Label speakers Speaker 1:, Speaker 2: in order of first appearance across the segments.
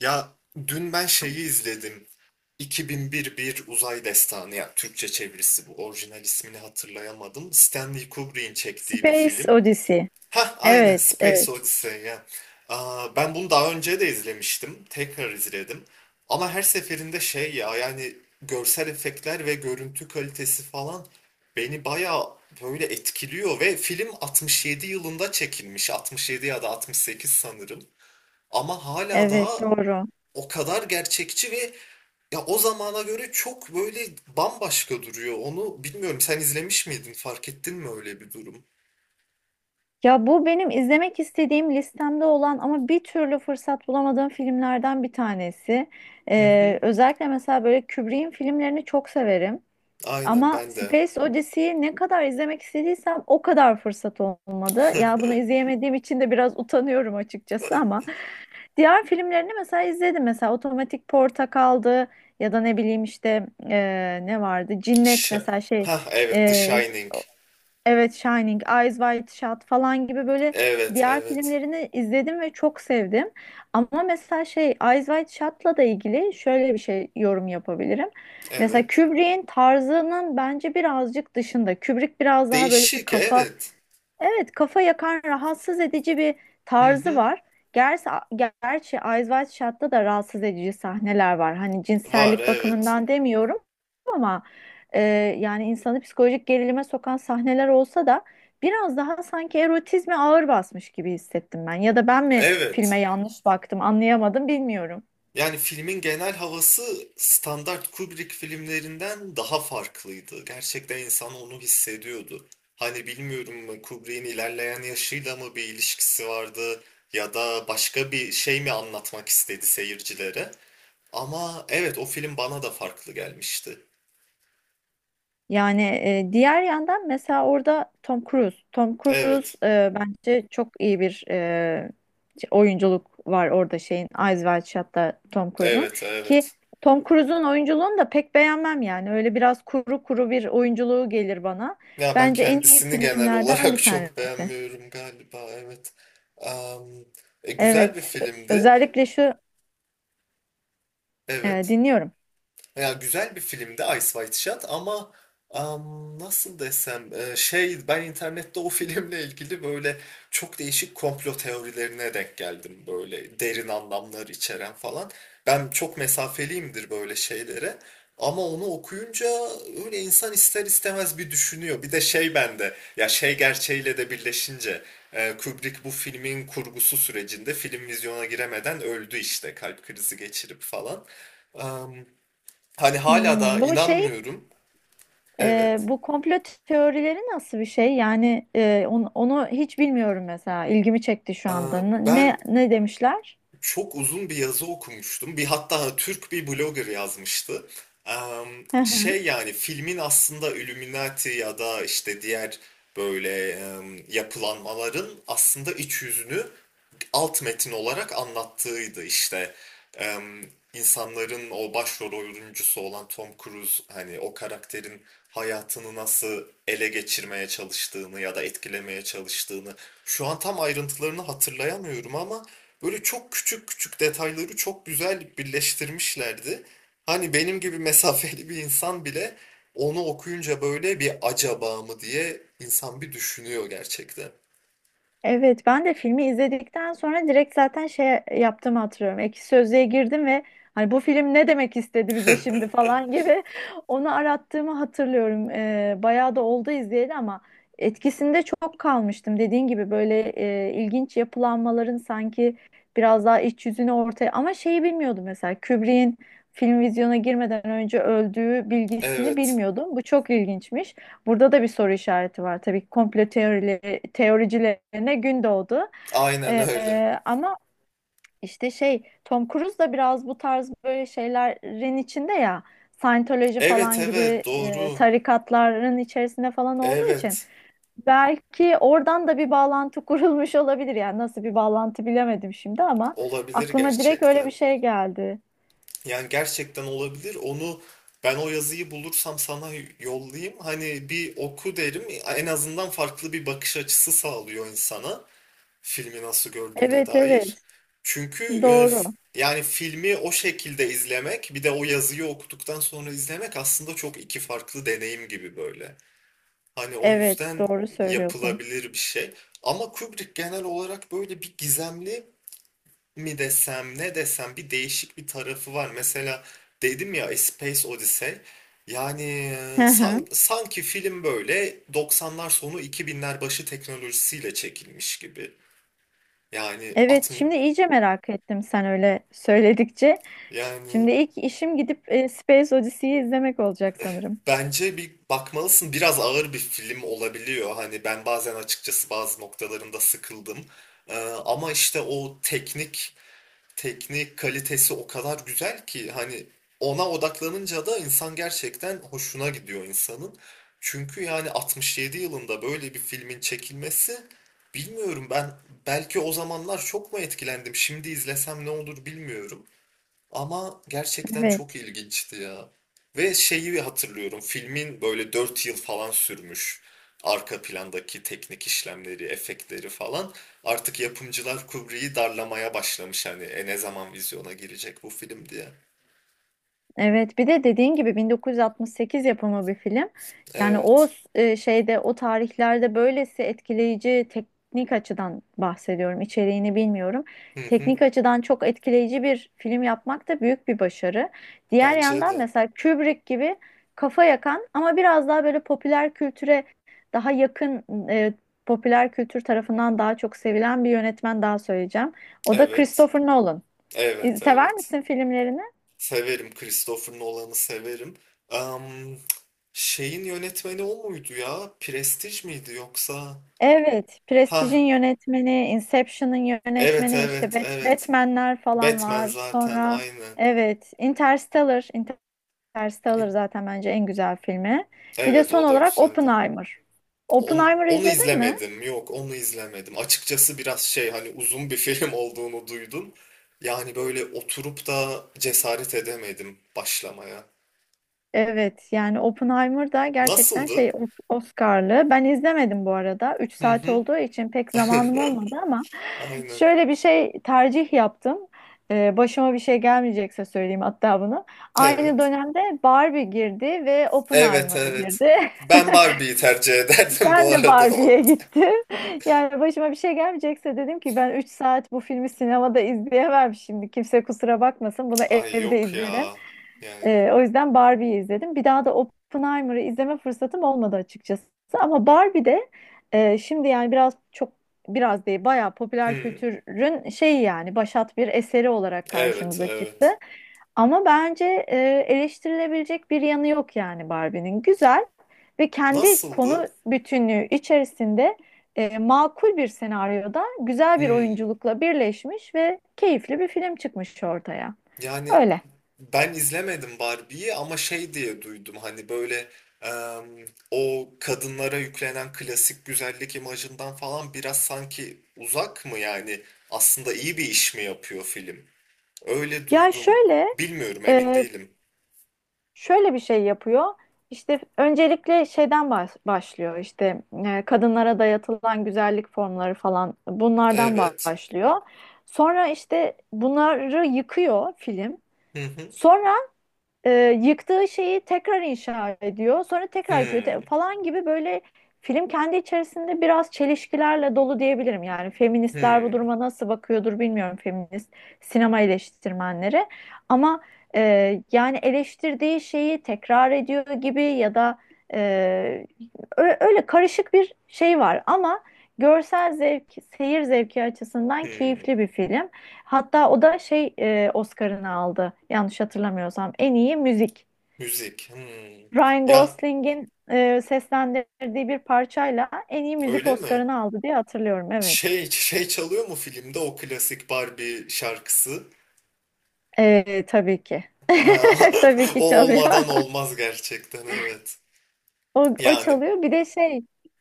Speaker 1: Ya dün ben şeyi izledim. 2001 Bir Uzay Destanı, ya Türkçe çevirisi bu. Orijinal ismini hatırlayamadım. Stanley Kubrick'in çektiği bir
Speaker 2: Space
Speaker 1: film.
Speaker 2: Odyssey.
Speaker 1: Hah, aynen,
Speaker 2: Evet, evet,
Speaker 1: Space Odyssey ya. Aa, ben bunu daha önce de izlemiştim. Tekrar izledim. Ama her seferinde şey ya, yani görsel efektler ve görüntü kalitesi falan beni bayağı böyle etkiliyor ve film 67 yılında çekilmiş. 67 ya da 68 sanırım. Ama hala
Speaker 2: evet,
Speaker 1: daha
Speaker 2: doğru.
Speaker 1: o kadar gerçekçi ve ya o zamana göre çok böyle bambaşka duruyor. Onu bilmiyorum. Sen izlemiş miydin? Fark ettin mi öyle bir durum?
Speaker 2: Ya bu benim izlemek istediğim listemde olan ama bir türlü fırsat bulamadığım filmlerden bir tanesi.
Speaker 1: Hı hı.
Speaker 2: Özellikle mesela böyle Kubrick'in filmlerini çok severim.
Speaker 1: Aynen
Speaker 2: Ama
Speaker 1: ben de.
Speaker 2: Space Odyssey'yi ne kadar izlemek istediysem o kadar fırsat olmadı. Ya bunu izleyemediğim için de biraz utanıyorum açıkçası ama diğer filmlerini mesela izledim. Mesela Otomatik Portakal'dı ya da ne bileyim işte ne vardı? Cinnet
Speaker 1: Ş
Speaker 2: mesela şey
Speaker 1: ha, evet, The
Speaker 2: e,
Speaker 1: Shining.
Speaker 2: Evet Shining, Eyes Wide Shut falan gibi böyle
Speaker 1: Evet,
Speaker 2: diğer
Speaker 1: evet,
Speaker 2: filmlerini izledim ve çok sevdim. Ama mesela şey Eyes Wide Shut'la da ilgili şöyle bir şey yorum yapabilirim. Mesela
Speaker 1: evet.
Speaker 2: Kubrick'in tarzının bence birazcık dışında. Kubrick biraz daha böyle
Speaker 1: Değişik,
Speaker 2: kafa.
Speaker 1: evet.
Speaker 2: Evet, kafa yakan rahatsız edici bir
Speaker 1: Hı
Speaker 2: tarzı
Speaker 1: hı.
Speaker 2: var. Gerçi, gerçi Eyes Wide Shut'ta da rahatsız edici sahneler var. Hani
Speaker 1: Var,
Speaker 2: cinsellik
Speaker 1: evet.
Speaker 2: bakımından demiyorum ama e, yani insanı psikolojik gerilime sokan sahneler olsa da biraz daha sanki erotizme ağır basmış gibi hissettim ben. Ya da ben mi
Speaker 1: Evet.
Speaker 2: filme yanlış baktım anlayamadım bilmiyorum.
Speaker 1: Yani filmin genel havası standart Kubrick filmlerinden daha farklıydı. Gerçekten insan onu hissediyordu. Hani bilmiyorum, Kubrick'in ilerleyen yaşıyla mı bir ilişkisi vardı ya da başka bir şey mi anlatmak istedi seyircilere. Ama evet, o film bana da farklı gelmişti.
Speaker 2: Yani diğer yandan mesela orada Tom Cruise. Tom Cruise
Speaker 1: Evet,
Speaker 2: bence çok iyi bir oyunculuk var orada şeyin Eyes Wide Shut'ta Tom Cruise'un
Speaker 1: evet,
Speaker 2: ki
Speaker 1: evet.
Speaker 2: Tom Cruise'un oyunculuğunu da pek beğenmem yani. Öyle biraz kuru kuru bir oyunculuğu gelir bana.
Speaker 1: Ya ben
Speaker 2: Bence en iyi
Speaker 1: kendisini genel
Speaker 2: filmlerden
Speaker 1: olarak
Speaker 2: bir
Speaker 1: çok
Speaker 2: tanesi.
Speaker 1: beğenmiyorum galiba, evet. Am, Güzel bir
Speaker 2: Evet.
Speaker 1: filmdi,
Speaker 2: Özellikle şu
Speaker 1: evet.
Speaker 2: dinliyorum.
Speaker 1: Ya güzel bir filmdi Ice White Shot, ama nasıl desem, şey, ben internette o filmle ilgili böyle çok değişik komplo teorilerine denk geldim, böyle derin anlamlar içeren falan. Ben çok mesafeliyimdir böyle şeylere, ama onu okuyunca öyle insan ister istemez bir düşünüyor. Bir de şey bende, ya şey gerçeğiyle de birleşince, Kubrick bu filmin kurgusu sürecinde film vizyona giremeden öldü işte, kalp krizi geçirip falan. Hani hala da
Speaker 2: Hmm, bu şey.
Speaker 1: inanmıyorum. Evet.
Speaker 2: Bu komplo teorileri nasıl bir şey? Yani onu hiç bilmiyorum mesela. İlgimi çekti şu
Speaker 1: Aa,
Speaker 2: anda. Ne
Speaker 1: ben
Speaker 2: ne, ne demişler?
Speaker 1: çok uzun bir yazı okumuştum. Bir hatta, Türk bir blogger yazmıştı. Am, Şey, yani filmin aslında Illuminati ya da işte diğer böyle yapılanmaların aslında iç yüzünü alt metin olarak anlattığıydı işte. Em, insanların o başrol oyuncusu olan Tom Cruise, hani o karakterin hayatını nasıl ele geçirmeye çalıştığını ya da etkilemeye çalıştığını şu an tam ayrıntılarını hatırlayamıyorum, ama böyle çok küçük küçük detayları çok güzel birleştirmişlerdi. Hani benim gibi mesafeli bir insan bile onu okuyunca böyle bir acaba mı diye insan bir düşünüyor gerçekten.
Speaker 2: Evet, ben de filmi izledikten sonra direkt zaten şey yaptığımı hatırlıyorum. Ekşi Sözlüğe girdim ve hani bu film ne demek istedi bize şimdi falan gibi onu arattığımı hatırlıyorum. Bayağı da oldu izleyeli ama etkisinde çok kalmıştım. Dediğin gibi böyle ilginç yapılanmaların sanki biraz daha iç yüzünü ortaya ama şeyi bilmiyordum mesela Kubrick'in film vizyona girmeden önce öldüğü bilgisini
Speaker 1: Evet,
Speaker 2: bilmiyordum. Bu çok ilginçmiş. Burada da bir soru işareti var tabii ki komplo teorileri, teoricilerine gün doğdu.
Speaker 1: aynen öyle.
Speaker 2: Ama işte şey Tom Cruise da biraz bu tarz böyle şeylerin içinde ya Scientology
Speaker 1: Evet,
Speaker 2: falan
Speaker 1: evet,
Speaker 2: gibi
Speaker 1: doğru.
Speaker 2: tarikatların içerisinde falan olduğu için
Speaker 1: Evet,
Speaker 2: belki oradan da bir bağlantı kurulmuş olabilir. Yani nasıl bir bağlantı bilemedim şimdi ama
Speaker 1: olabilir
Speaker 2: aklıma direkt öyle bir
Speaker 1: gerçekten.
Speaker 2: şey geldi.
Speaker 1: Yani gerçekten olabilir. Ben o yazıyı bulursam sana yollayayım. Hani bir oku derim. En azından farklı bir bakış açısı sağlıyor insana, filmi nasıl gördüğüne
Speaker 2: Evet
Speaker 1: dair.
Speaker 2: evet
Speaker 1: Çünkü
Speaker 2: doğru.
Speaker 1: yani filmi o şekilde izlemek bir de o yazıyı okuduktan sonra izlemek aslında çok iki farklı deneyim gibi böyle. Hani o
Speaker 2: Evet
Speaker 1: yüzden
Speaker 2: doğru söylüyorsun.
Speaker 1: yapılabilir bir şey. Ama Kubrick genel olarak böyle bir gizemli mi desem, ne desem, bir değişik bir tarafı var. Mesela dedim ya, A Space Odyssey. Yani sanki film böyle 90'lar sonu 2000'ler başı teknolojisiyle çekilmiş gibi. Yani
Speaker 2: Evet,
Speaker 1: 60,
Speaker 2: şimdi iyice merak ettim sen öyle söyledikçe.
Speaker 1: yani
Speaker 2: Şimdi ilk işim gidip Space Odyssey'yi izlemek olacak sanırım.
Speaker 1: bence bir bakmalısın. Biraz ağır bir film olabiliyor. Hani ben bazen açıkçası bazı noktalarında sıkıldım. Ama işte o teknik kalitesi o kadar güzel ki, hani ona odaklanınca da insan gerçekten hoşuna gidiyor insanın. Çünkü yani 67 yılında böyle bir filmin çekilmesi, bilmiyorum, ben belki o zamanlar çok mu etkilendim, şimdi izlesem ne olur bilmiyorum. Ama gerçekten çok
Speaker 2: Evet.
Speaker 1: ilginçti ya. Ve şeyi hatırlıyorum. Filmin böyle 4 yıl falan sürmüş arka plandaki teknik işlemleri, efektleri falan. Artık yapımcılar Kubrick'i darlamaya başlamış, hani ne zaman vizyona girecek bu film diye.
Speaker 2: Evet, bir de dediğin gibi 1968 yapımı bir film. Yani o
Speaker 1: Evet.
Speaker 2: o tarihlerde böylesi etkileyici teknik açıdan bahsediyorum. İçeriğini bilmiyorum.
Speaker 1: Hı hı.
Speaker 2: Teknik açıdan çok etkileyici bir film yapmak da büyük bir başarı. Diğer
Speaker 1: Bence
Speaker 2: yandan
Speaker 1: de.
Speaker 2: mesela Kubrick gibi kafa yakan ama biraz daha böyle popüler kültüre daha yakın, e, popüler kültür tarafından daha çok sevilen bir yönetmen daha söyleyeceğim. O da
Speaker 1: Evet.
Speaker 2: Christopher Nolan.
Speaker 1: Evet,
Speaker 2: Sever
Speaker 1: evet.
Speaker 2: misin filmlerini?
Speaker 1: Severim. Christopher Nolan'ı severim. Am, Şeyin yönetmeni o muydu ya? Prestij miydi yoksa?
Speaker 2: Evet,
Speaker 1: Ha,
Speaker 2: Prestige'in yönetmeni, Inception'ın
Speaker 1: evet,
Speaker 2: yönetmeni, işte
Speaker 1: evet, evet.
Speaker 2: Batman'ler falan
Speaker 1: Batman,
Speaker 2: var.
Speaker 1: zaten
Speaker 2: Sonra
Speaker 1: aynen.
Speaker 2: evet, Interstellar zaten bence en güzel filmi. Bir de
Speaker 1: Evet,
Speaker 2: son
Speaker 1: o da
Speaker 2: olarak
Speaker 1: güzeldi.
Speaker 2: Oppenheimer. Oppenheimer'ı
Speaker 1: Onu
Speaker 2: izledin mi?
Speaker 1: izlemedim. Yok, onu izlemedim. Açıkçası biraz şey, hani uzun bir film olduğunu duydum. Yani böyle oturup da cesaret edemedim başlamaya.
Speaker 2: Evet, yani Oppenheimer da gerçekten şey
Speaker 1: Nasıldı?
Speaker 2: Oscar'lı. Ben izlemedim bu arada. Üç
Speaker 1: Hı
Speaker 2: saat
Speaker 1: hı.
Speaker 2: olduğu için pek zamanım olmadı ama
Speaker 1: Aynen.
Speaker 2: şöyle bir şey tercih yaptım. Başıma bir şey gelmeyecekse söyleyeyim hatta bunu. Aynı
Speaker 1: Evet.
Speaker 2: dönemde Barbie girdi ve
Speaker 1: Evet,
Speaker 2: Oppenheimer
Speaker 1: evet.
Speaker 2: girdi.
Speaker 1: Ben Barbie'yi tercih ederdim bu
Speaker 2: Ben de
Speaker 1: arada.
Speaker 2: Barbie'ye gittim. Yani başıma bir şey gelmeyecekse dedim ki ben 3 saat bu filmi sinemada izleyemem şimdi. Kimse kusura bakmasın. Bunu
Speaker 1: Ay
Speaker 2: evde
Speaker 1: yok
Speaker 2: izlerim.
Speaker 1: ya. Yani.
Speaker 2: O yüzden Barbie'yi izledim. Bir daha da Oppenheimer'ı izleme fırsatım olmadı açıkçası. Ama Barbie de şimdi yani biraz değil bayağı popüler
Speaker 1: Hı.
Speaker 2: kültürün şeyi yani başat bir eseri olarak
Speaker 1: Evet,
Speaker 2: karşımıza çıktı.
Speaker 1: evet.
Speaker 2: Ama bence eleştirilebilecek bir yanı yok yani Barbie'nin. Güzel ve kendi
Speaker 1: Nasıldı?
Speaker 2: konu bütünlüğü içerisinde makul bir senaryoda güzel bir
Speaker 1: Hmm.
Speaker 2: oyunculukla birleşmiş ve keyifli bir film çıkmış ortaya.
Speaker 1: Yani
Speaker 2: Öyle.
Speaker 1: ben izlemedim Barbie'yi, ama şey diye duydum, hani böyle em, o kadınlara yüklenen klasik güzellik imajından falan biraz sanki uzak mı, yani aslında iyi bir iş mi yapıyor film? Öyle
Speaker 2: Ya
Speaker 1: duydum.
Speaker 2: şöyle.
Speaker 1: Bilmiyorum, emin
Speaker 2: Ee,
Speaker 1: değilim.
Speaker 2: Şöyle bir şey yapıyor. İşte öncelikle şeyden başlıyor. İşte kadınlara dayatılan güzellik formları falan bunlardan
Speaker 1: Evet.
Speaker 2: başlıyor. Sonra işte bunları yıkıyor film.
Speaker 1: Hı hı.
Speaker 2: Sonra e, yıktığı şeyi tekrar inşa ediyor. Sonra tekrar yıkıyor
Speaker 1: Hmm,
Speaker 2: falan gibi böyle film kendi içerisinde biraz çelişkilerle dolu diyebilirim. Yani feministler bu
Speaker 1: hmm,
Speaker 2: duruma nasıl bakıyordur bilmiyorum feminist sinema eleştirmenleri. Ama yani eleştirdiği şeyi tekrar ediyor gibi ya da e, öyle karışık bir şey var. Ama görsel zevk, seyir zevki açısından
Speaker 1: hmm.
Speaker 2: keyifli bir film. Hatta o da şey Oscar'ını aldı. Yanlış hatırlamıyorsam en iyi müzik.
Speaker 1: Müzik. Hmm.
Speaker 2: Ryan
Speaker 1: Ya
Speaker 2: Gosling'in seslendirdiği bir parçayla en iyi müzik
Speaker 1: öyle mi?
Speaker 2: Oscar'ını aldı diye hatırlıyorum. Evet.
Speaker 1: Şey çalıyor mu filmde o klasik Barbie şarkısı?
Speaker 2: Tabii ki.
Speaker 1: Ha,
Speaker 2: Tabii
Speaker 1: o
Speaker 2: ki çalıyor.
Speaker 1: olmadan olmaz gerçekten, evet.
Speaker 2: O
Speaker 1: Yani,
Speaker 2: çalıyor. Bir de şey,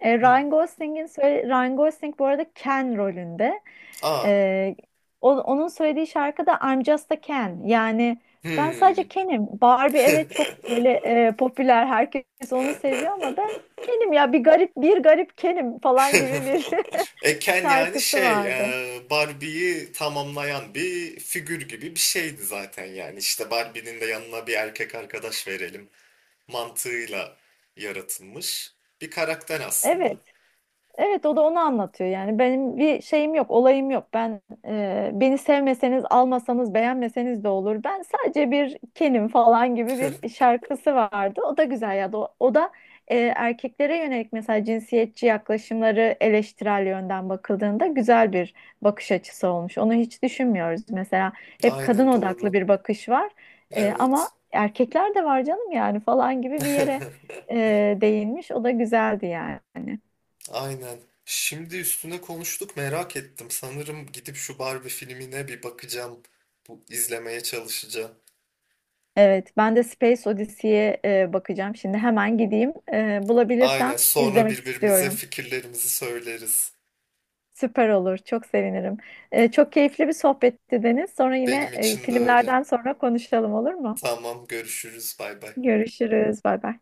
Speaker 1: hmm.
Speaker 2: Ryan Gosling bu arada Ken rolünde.
Speaker 1: Aa.
Speaker 2: Ee, Onun söylediği şarkı da I'm Just a Ken. Yani ben
Speaker 1: Hmm.
Speaker 2: sadece Ken'im. Barbie evet çok böyle popüler. Herkes onu seviyor ama ben Ken'im ya bir garip Ken'im falan gibi bir
Speaker 1: Eken, yani
Speaker 2: şarkısı
Speaker 1: şey,
Speaker 2: vardı.
Speaker 1: Barbie'yi tamamlayan bir figür gibi bir şeydi zaten yani. İşte Barbie'nin de yanına bir erkek arkadaş verelim mantığıyla yaratılmış bir karakter
Speaker 2: Evet.
Speaker 1: aslında.
Speaker 2: Evet o da onu anlatıyor yani benim bir şeyim yok olayım yok ben beni sevmeseniz almasanız beğenmeseniz de olur ben sadece bir kenim falan gibi bir şarkısı vardı o da güzel ya o da erkeklere yönelik mesela cinsiyetçi yaklaşımları eleştirel yönden bakıldığında güzel bir bakış açısı olmuş onu hiç düşünmüyoruz mesela hep kadın
Speaker 1: Aynen
Speaker 2: odaklı
Speaker 1: doğru.
Speaker 2: bir bakış var. Ama
Speaker 1: Evet.
Speaker 2: erkekler de var canım yani falan gibi bir yere değinmiş o da güzeldi yani.
Speaker 1: Aynen. Şimdi üstüne konuştuk, merak ettim. Sanırım gidip şu Barbie filmine bir bakacağım. Bu izlemeye çalışacağım.
Speaker 2: Evet, ben de Space Odyssey'e bakacağım. Şimdi hemen gideyim. E,
Speaker 1: Aynen,
Speaker 2: bulabilirsem
Speaker 1: sonra
Speaker 2: izlemek
Speaker 1: birbirimize
Speaker 2: istiyorum.
Speaker 1: fikirlerimizi söyleriz.
Speaker 2: Süper olur, çok sevinirim. Çok keyifli bir sohbetti Deniz. Sonra yine
Speaker 1: Benim için de öyle.
Speaker 2: filmlerden sonra konuşalım olur mu?
Speaker 1: Tamam, görüşürüz, bay bay.
Speaker 2: Görüşürüz, bay bay.